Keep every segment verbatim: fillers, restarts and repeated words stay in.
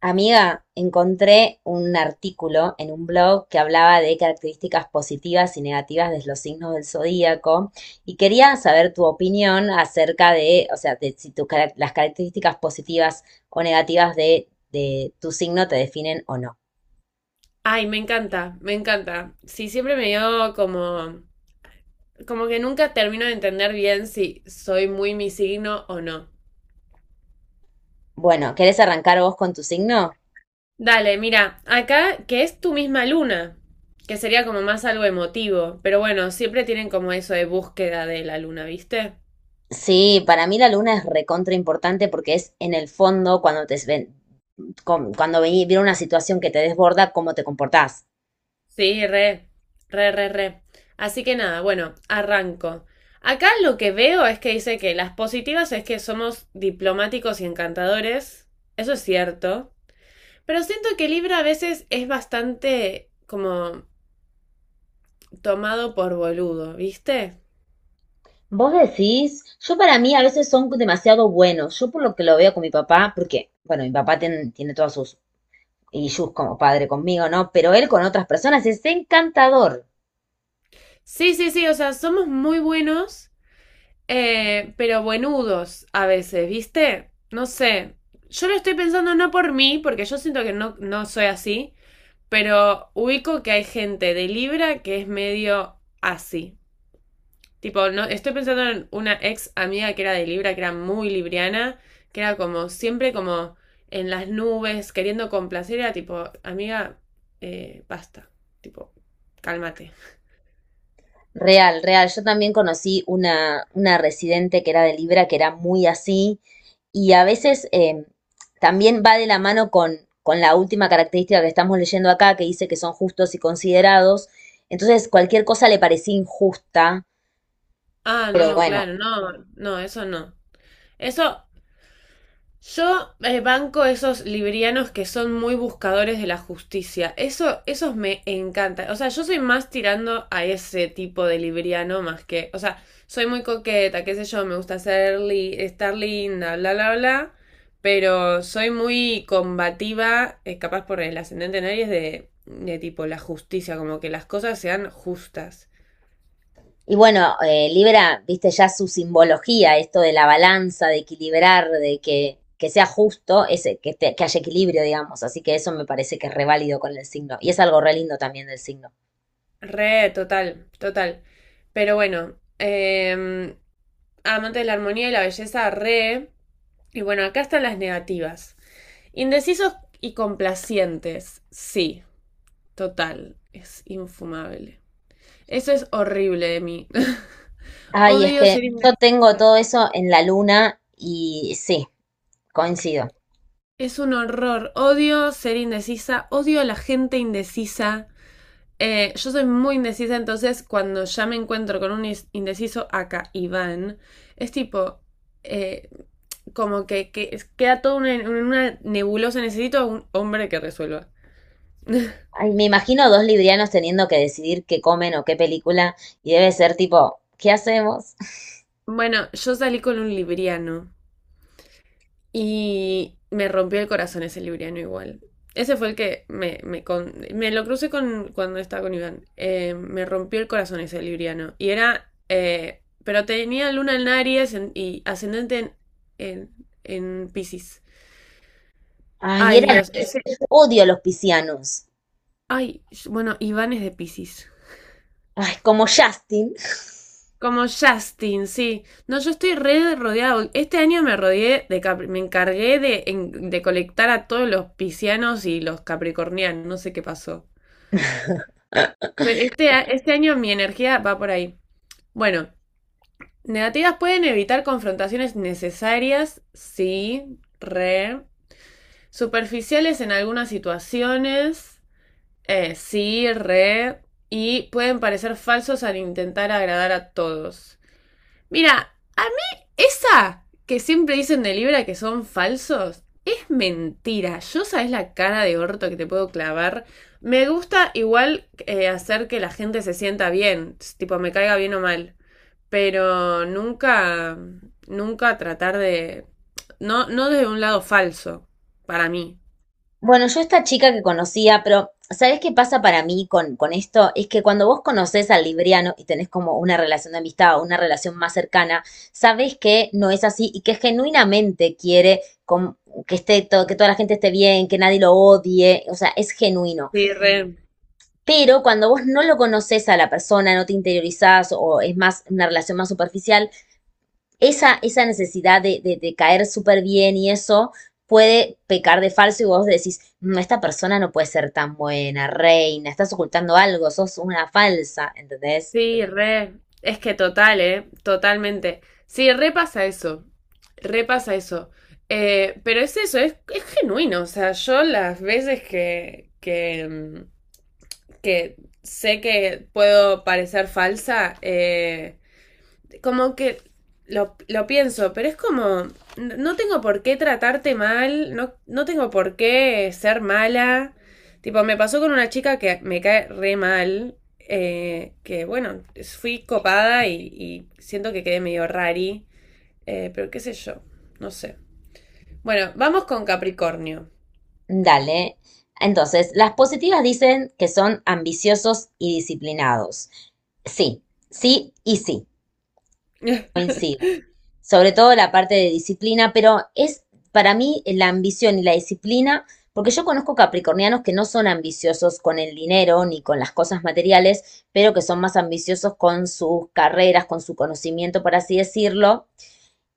Amiga, encontré un artículo en un blog que hablaba de características positivas y negativas de los signos del zodíaco y quería saber tu opinión acerca de, o sea, de si tus carac- las características positivas o negativas de, de tu signo te definen o no. Ay, me encanta, me encanta. Sí, siempre me dio como. Como que nunca termino de entender bien si soy muy mi signo o no. Bueno, ¿querés arrancar vos con tu signo? Dale, mira, acá que es tu misma luna, que sería como más algo emotivo, pero bueno, siempre tienen como eso de búsqueda de la luna, ¿viste? Sí, para mí la luna es recontra importante porque es en el fondo cuando te ven- con- cuando ve- viene una situación que te desborda, cómo te comportás. Sí, re, re, re, re. Así que nada, bueno, arranco. Acá lo que veo es que dice que las positivas es que somos diplomáticos y encantadores. Eso es cierto. Pero siento que Libra a veces es bastante como tomado por boludo, ¿viste? Vos decís, yo para mí a veces son demasiado buenos. Yo por lo que lo veo con mi papá, porque, bueno, mi papá tiene, tiene todas sus issues como padre conmigo, ¿no? Pero él con otras personas es encantador. Sí, sí, sí, o sea, somos muy buenos, eh, pero buenudos a veces, ¿viste? No sé. Yo lo estoy pensando no por mí, porque yo siento que no, no soy así, pero ubico que hay gente de Libra que es medio así. Tipo, no, estoy pensando en una ex amiga que era de Libra, que era muy libriana, que era como siempre como en las nubes, queriendo complacer, era tipo, amiga, eh, basta, tipo, cálmate. Real, real. Yo también conocí una, una residente que era de Libra, que era muy así. Y a veces eh, también va de la mano con, con la última característica que estamos leyendo acá, que dice que son justos y considerados. Entonces, cualquier cosa le parecía injusta, Ah, pero no, bueno. claro, no, no, eso no. Eso Yo, eh, banco esos librianos que son muy buscadores de la justicia. Eso, esos me encantan. O sea, yo soy más tirando a ese tipo de libriano más que. O sea, soy muy coqueta, qué sé yo, me gusta ser li- estar linda, bla, bla, bla. Pero soy muy combativa, eh, capaz por el ascendente en Aries, de, de tipo la justicia, como que las cosas sean justas. Y bueno, eh, Libra, viste ya su simbología, esto de la balanza, de equilibrar, de que, que sea justo, ese, que, te- que haya equilibrio, digamos. Así que eso me parece que es re válido con el signo. Y es algo re lindo también del signo. Re, total, total. Pero bueno, eh, amante de la armonía y la belleza, re. Y bueno, acá están las negativas. Indecisos y complacientes, sí, total, es infumable. Eso es horrible de mí. Ay, es Odio ser que yo tengo indecisa. todo eso en la luna y sí, coincido. Es un horror. Odio ser indecisa. Odio a la gente indecisa. Eh, yo soy muy indecisa, entonces cuando ya me encuentro con un indeciso acá, Iván, es tipo, eh, como que, que queda todo en una, una nebulosa, necesito a un hombre que resuelva. Ay, me imagino dos librianos teniendo que decidir qué comen o qué película y debe ser tipo, ¿qué hacemos? Bueno, yo salí con un libriano. Y me rompió el corazón ese libriano igual. Ese fue el que me, me, con- me lo crucé con, cuando estaba con Iván. Eh, me rompió el corazón ese libriano. Y era... eh, pero tenía luna en Aries en- y ascendente en, en, en Piscis. Ay, Ay, eran, Dios, ese. odio a los piscianos. Ay, bueno, Iván es de Piscis. Ay, como Justin. Como Justin, sí. No, yo estoy re rodeado. Este año me rodeé de Capri- me encargué de, en- de colectar a todos los piscianos y los capricornianos. No sé qué pasó. Estoy- Este, a- este año mi energía va por ahí. Bueno, negativas pueden evitar confrontaciones necesarias, sí, re. Superficiales en algunas situaciones, eh, sí, re. Y pueden parecer falsos al intentar agradar a todos. Mira, a mí esa que siempre dicen de Libra que son falsos es mentira. Yo sabes la cara de orto que te puedo clavar. Me gusta igual eh, hacer que la gente se sienta bien, tipo me caiga bien o mal, pero nunca, nunca tratar de, no, no desde un lado falso, para mí. Bueno, yo esta chica que conocía, pero ¿sabés qué pasa para mí con, con esto? Es que cuando vos conocés al libriano y tenés como una relación de amistad o una relación más cercana, sabés que no es así y que genuinamente quiere com- que esté todo, que toda la gente esté bien, que nadie lo odie, o sea, es genuino. Sí, re. Pero cuando vos no lo conoces a la persona, no te interiorizás o es más una relación más superficial, esa, esa necesidad de, de- de caer súper bien y eso puede pecar de falso y vos decís, "Mm, esta persona no puede ser tan buena, reina, estás ocultando algo, sos una falsa, ¿entendés? Sí, re. Es que total, ¿eh? Totalmente. Sí, repasa eso. Repasa eso. Eh, pero es eso, es, es genuino. O sea, yo las veces que, que, mm, que sé que puedo parecer falsa, eh, como que lo, lo pienso, pero es como, no tengo por qué tratarte mal, no, no tengo por qué ser mala. Tipo, me pasó con una chica que me cae re mal, eh, que bueno, fui copada y, y siento que quedé medio rari, eh, pero qué sé yo, no sé. Bueno, vamos con Capricornio. Dale. Entonces, las positivas dicen que son ambiciosos y disciplinados. Sí, sí y sí, coincido. Sobre todo la parte de disciplina, pero es para mí la ambición y la disciplina, porque yo conozco capricornianos que no son ambiciosos con el dinero ni con las cosas materiales, pero que son más ambiciosos con sus carreras, con su conocimiento, por así decirlo.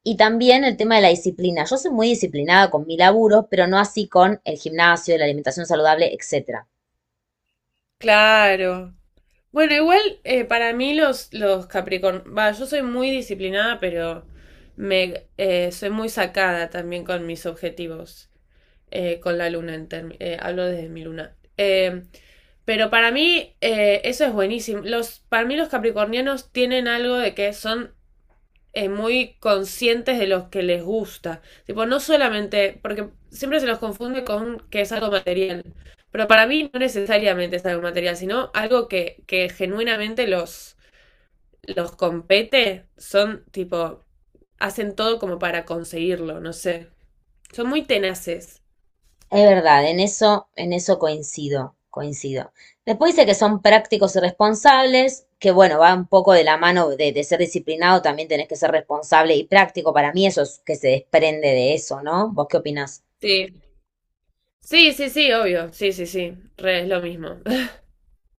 Y también el tema de la disciplina. Yo soy muy disciplinada con mi laburo, pero no así con el gimnasio, la alimentación saludable, etcétera. Claro. Bueno, igual eh, para mí los, los Capricorn, va, yo soy muy disciplinada, pero me eh, soy muy sacada también con mis objetivos, eh, con la luna, en term- eh, hablo desde mi luna. Eh, pero para mí eh, eso es buenísimo. Los, para mí los capricornianos tienen algo de que son eh, muy conscientes de los que les gusta. Tipo, no solamente, porque siempre se los confunde con que es algo material, pero para mí no necesariamente es algo material, sino algo que, que genuinamente los, los compete, son tipo, hacen todo como para conseguirlo, no sé. Son muy tenaces. Es verdad, en eso, en eso coincido, coincido. Después dice que son prácticos y responsables, que bueno, va un poco de la mano de, de ser disciplinado, también tenés que ser responsable y práctico. Para mí eso es que se desprende de eso, ¿no? ¿Vos qué opinás? Sí. Sí, sí, sí, obvio. Sí, sí, sí. Re, es lo mismo.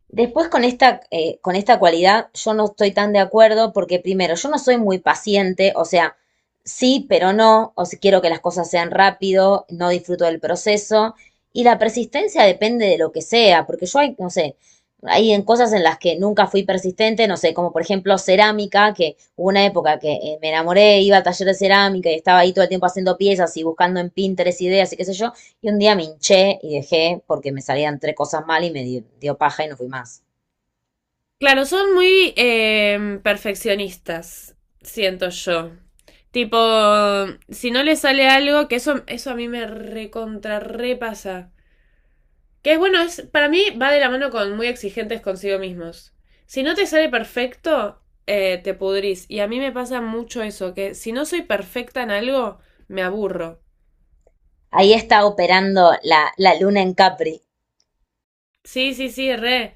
Después con esta, eh, con esta cualidad yo no estoy tan de acuerdo porque primero, yo no soy muy paciente, o sea, sí, pero no, o si quiero que las cosas sean rápido, no disfruto del proceso y la persistencia depende de lo que sea, porque yo hay, no sé, hay en cosas en las que nunca fui persistente, no sé, como por ejemplo cerámica, que hubo una época que eh, me enamoré, iba al taller de cerámica y estaba ahí todo el tiempo haciendo piezas y buscando en Pinterest ideas y qué sé yo, y un día me hinché y dejé porque me salían tres cosas mal y me di- dio, paja y no fui más. Claro, son muy em, perfeccionistas, siento yo. Tipo, si no le sale algo, que eso, eso a mí me recontra repasa. Que es bueno, es, para mí va de la mano con muy exigentes consigo mismos. Si no te sale perfecto, eh, te pudrís. Y a mí me pasa mucho eso, que si no soy perfecta en algo, me aburro. Ahí está operando la, la luna en Capri. Sí, sí, sí, re.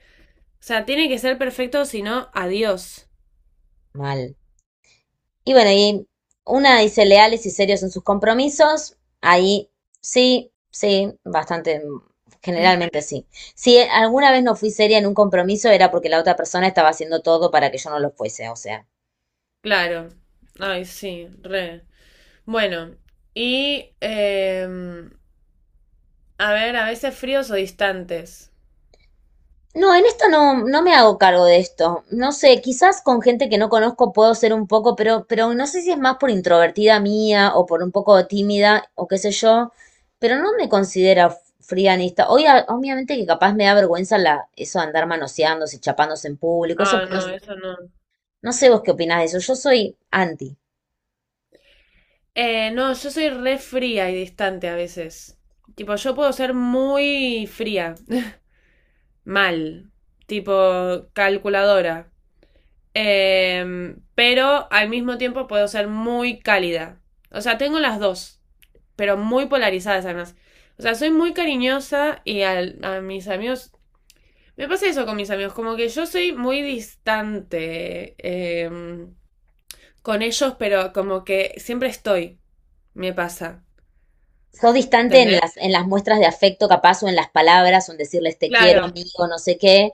O sea, tiene que ser perfecto, si no, adiós. Mal. Y bueno, y una dice leales y serios en sus compromisos. Ahí sí, sí, bastante, generalmente sí. Si alguna vez no fui seria en un compromiso era porque la otra persona estaba haciendo todo para que yo no lo fuese, o sea. Claro. Ay, sí, re. Bueno, y em, a ver, a veces fríos o distantes. No, en esto no, no me hago cargo de esto. No sé, quizás con gente que no conozco puedo ser un poco, pero, pero no sé si es más por introvertida mía o por un poco tímida o qué sé yo, pero no me considero fría frianista. Hoy, a- obviamente que capaz me da vergüenza la, eso de andar manoseándose, chapándose en público, eso, Ah, pero no. Mm. Eso no. no sé vos qué opinás de eso. Yo soy anti. Eh, no, yo soy re fría y distante a veces. Tipo, yo puedo ser muy fría, mal, tipo calculadora. Em, pero al mismo tiempo puedo ser muy cálida. O sea, tengo las dos, pero muy polarizadas además. O sea, soy muy cariñosa y al- a mis amigos. Me pasa eso con mis amigos, como que yo soy muy distante eh, con ellos, pero como que siempre estoy, me pasa, Soy distante en ¿entendés? las, en las muestras de afecto capaz o en las palabras o en decirles te quiero, Claro, amigo, no sé qué.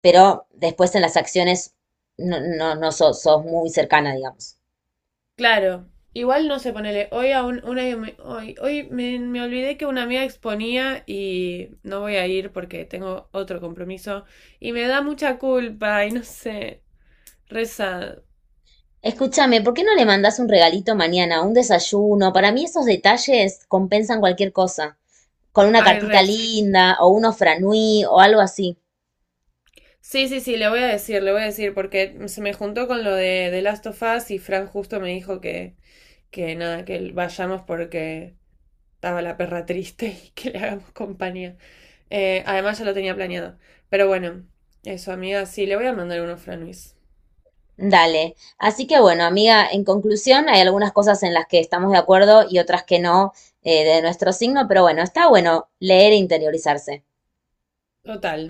Pero después en las acciones no, no, no sos, sos muy cercana, digamos. claro. Igual no sé, ponele, hoy a un- una me- hoy, hoy me, me olvidé que una amiga exponía y no voy a ir porque tengo otro compromiso y me da mucha culpa y no sé, reza. Escúchame, ¿por qué no le mandas un regalito mañana, un desayuno? Para mí esos detalles compensan cualquier cosa. Con una Ay, cartita re, sí. linda o unos franui o algo así. Sí, sí, sí, le voy a decir, le voy a decir porque se me juntó con lo de The Last of Us y Fran justo me dijo que que nada, que vayamos porque estaba la perra triste y que le hagamos compañía. Eh, además ya lo tenía planeado. Pero bueno, eso, amiga, sí, le voy a mandar uno a Fran Luis. Dale. Así que bueno, amiga, en conclusión, hay algunas cosas en las que estamos de acuerdo y otras que no, eh, de nuestro signo, pero bueno, está bueno leer e interiorizarse. Total,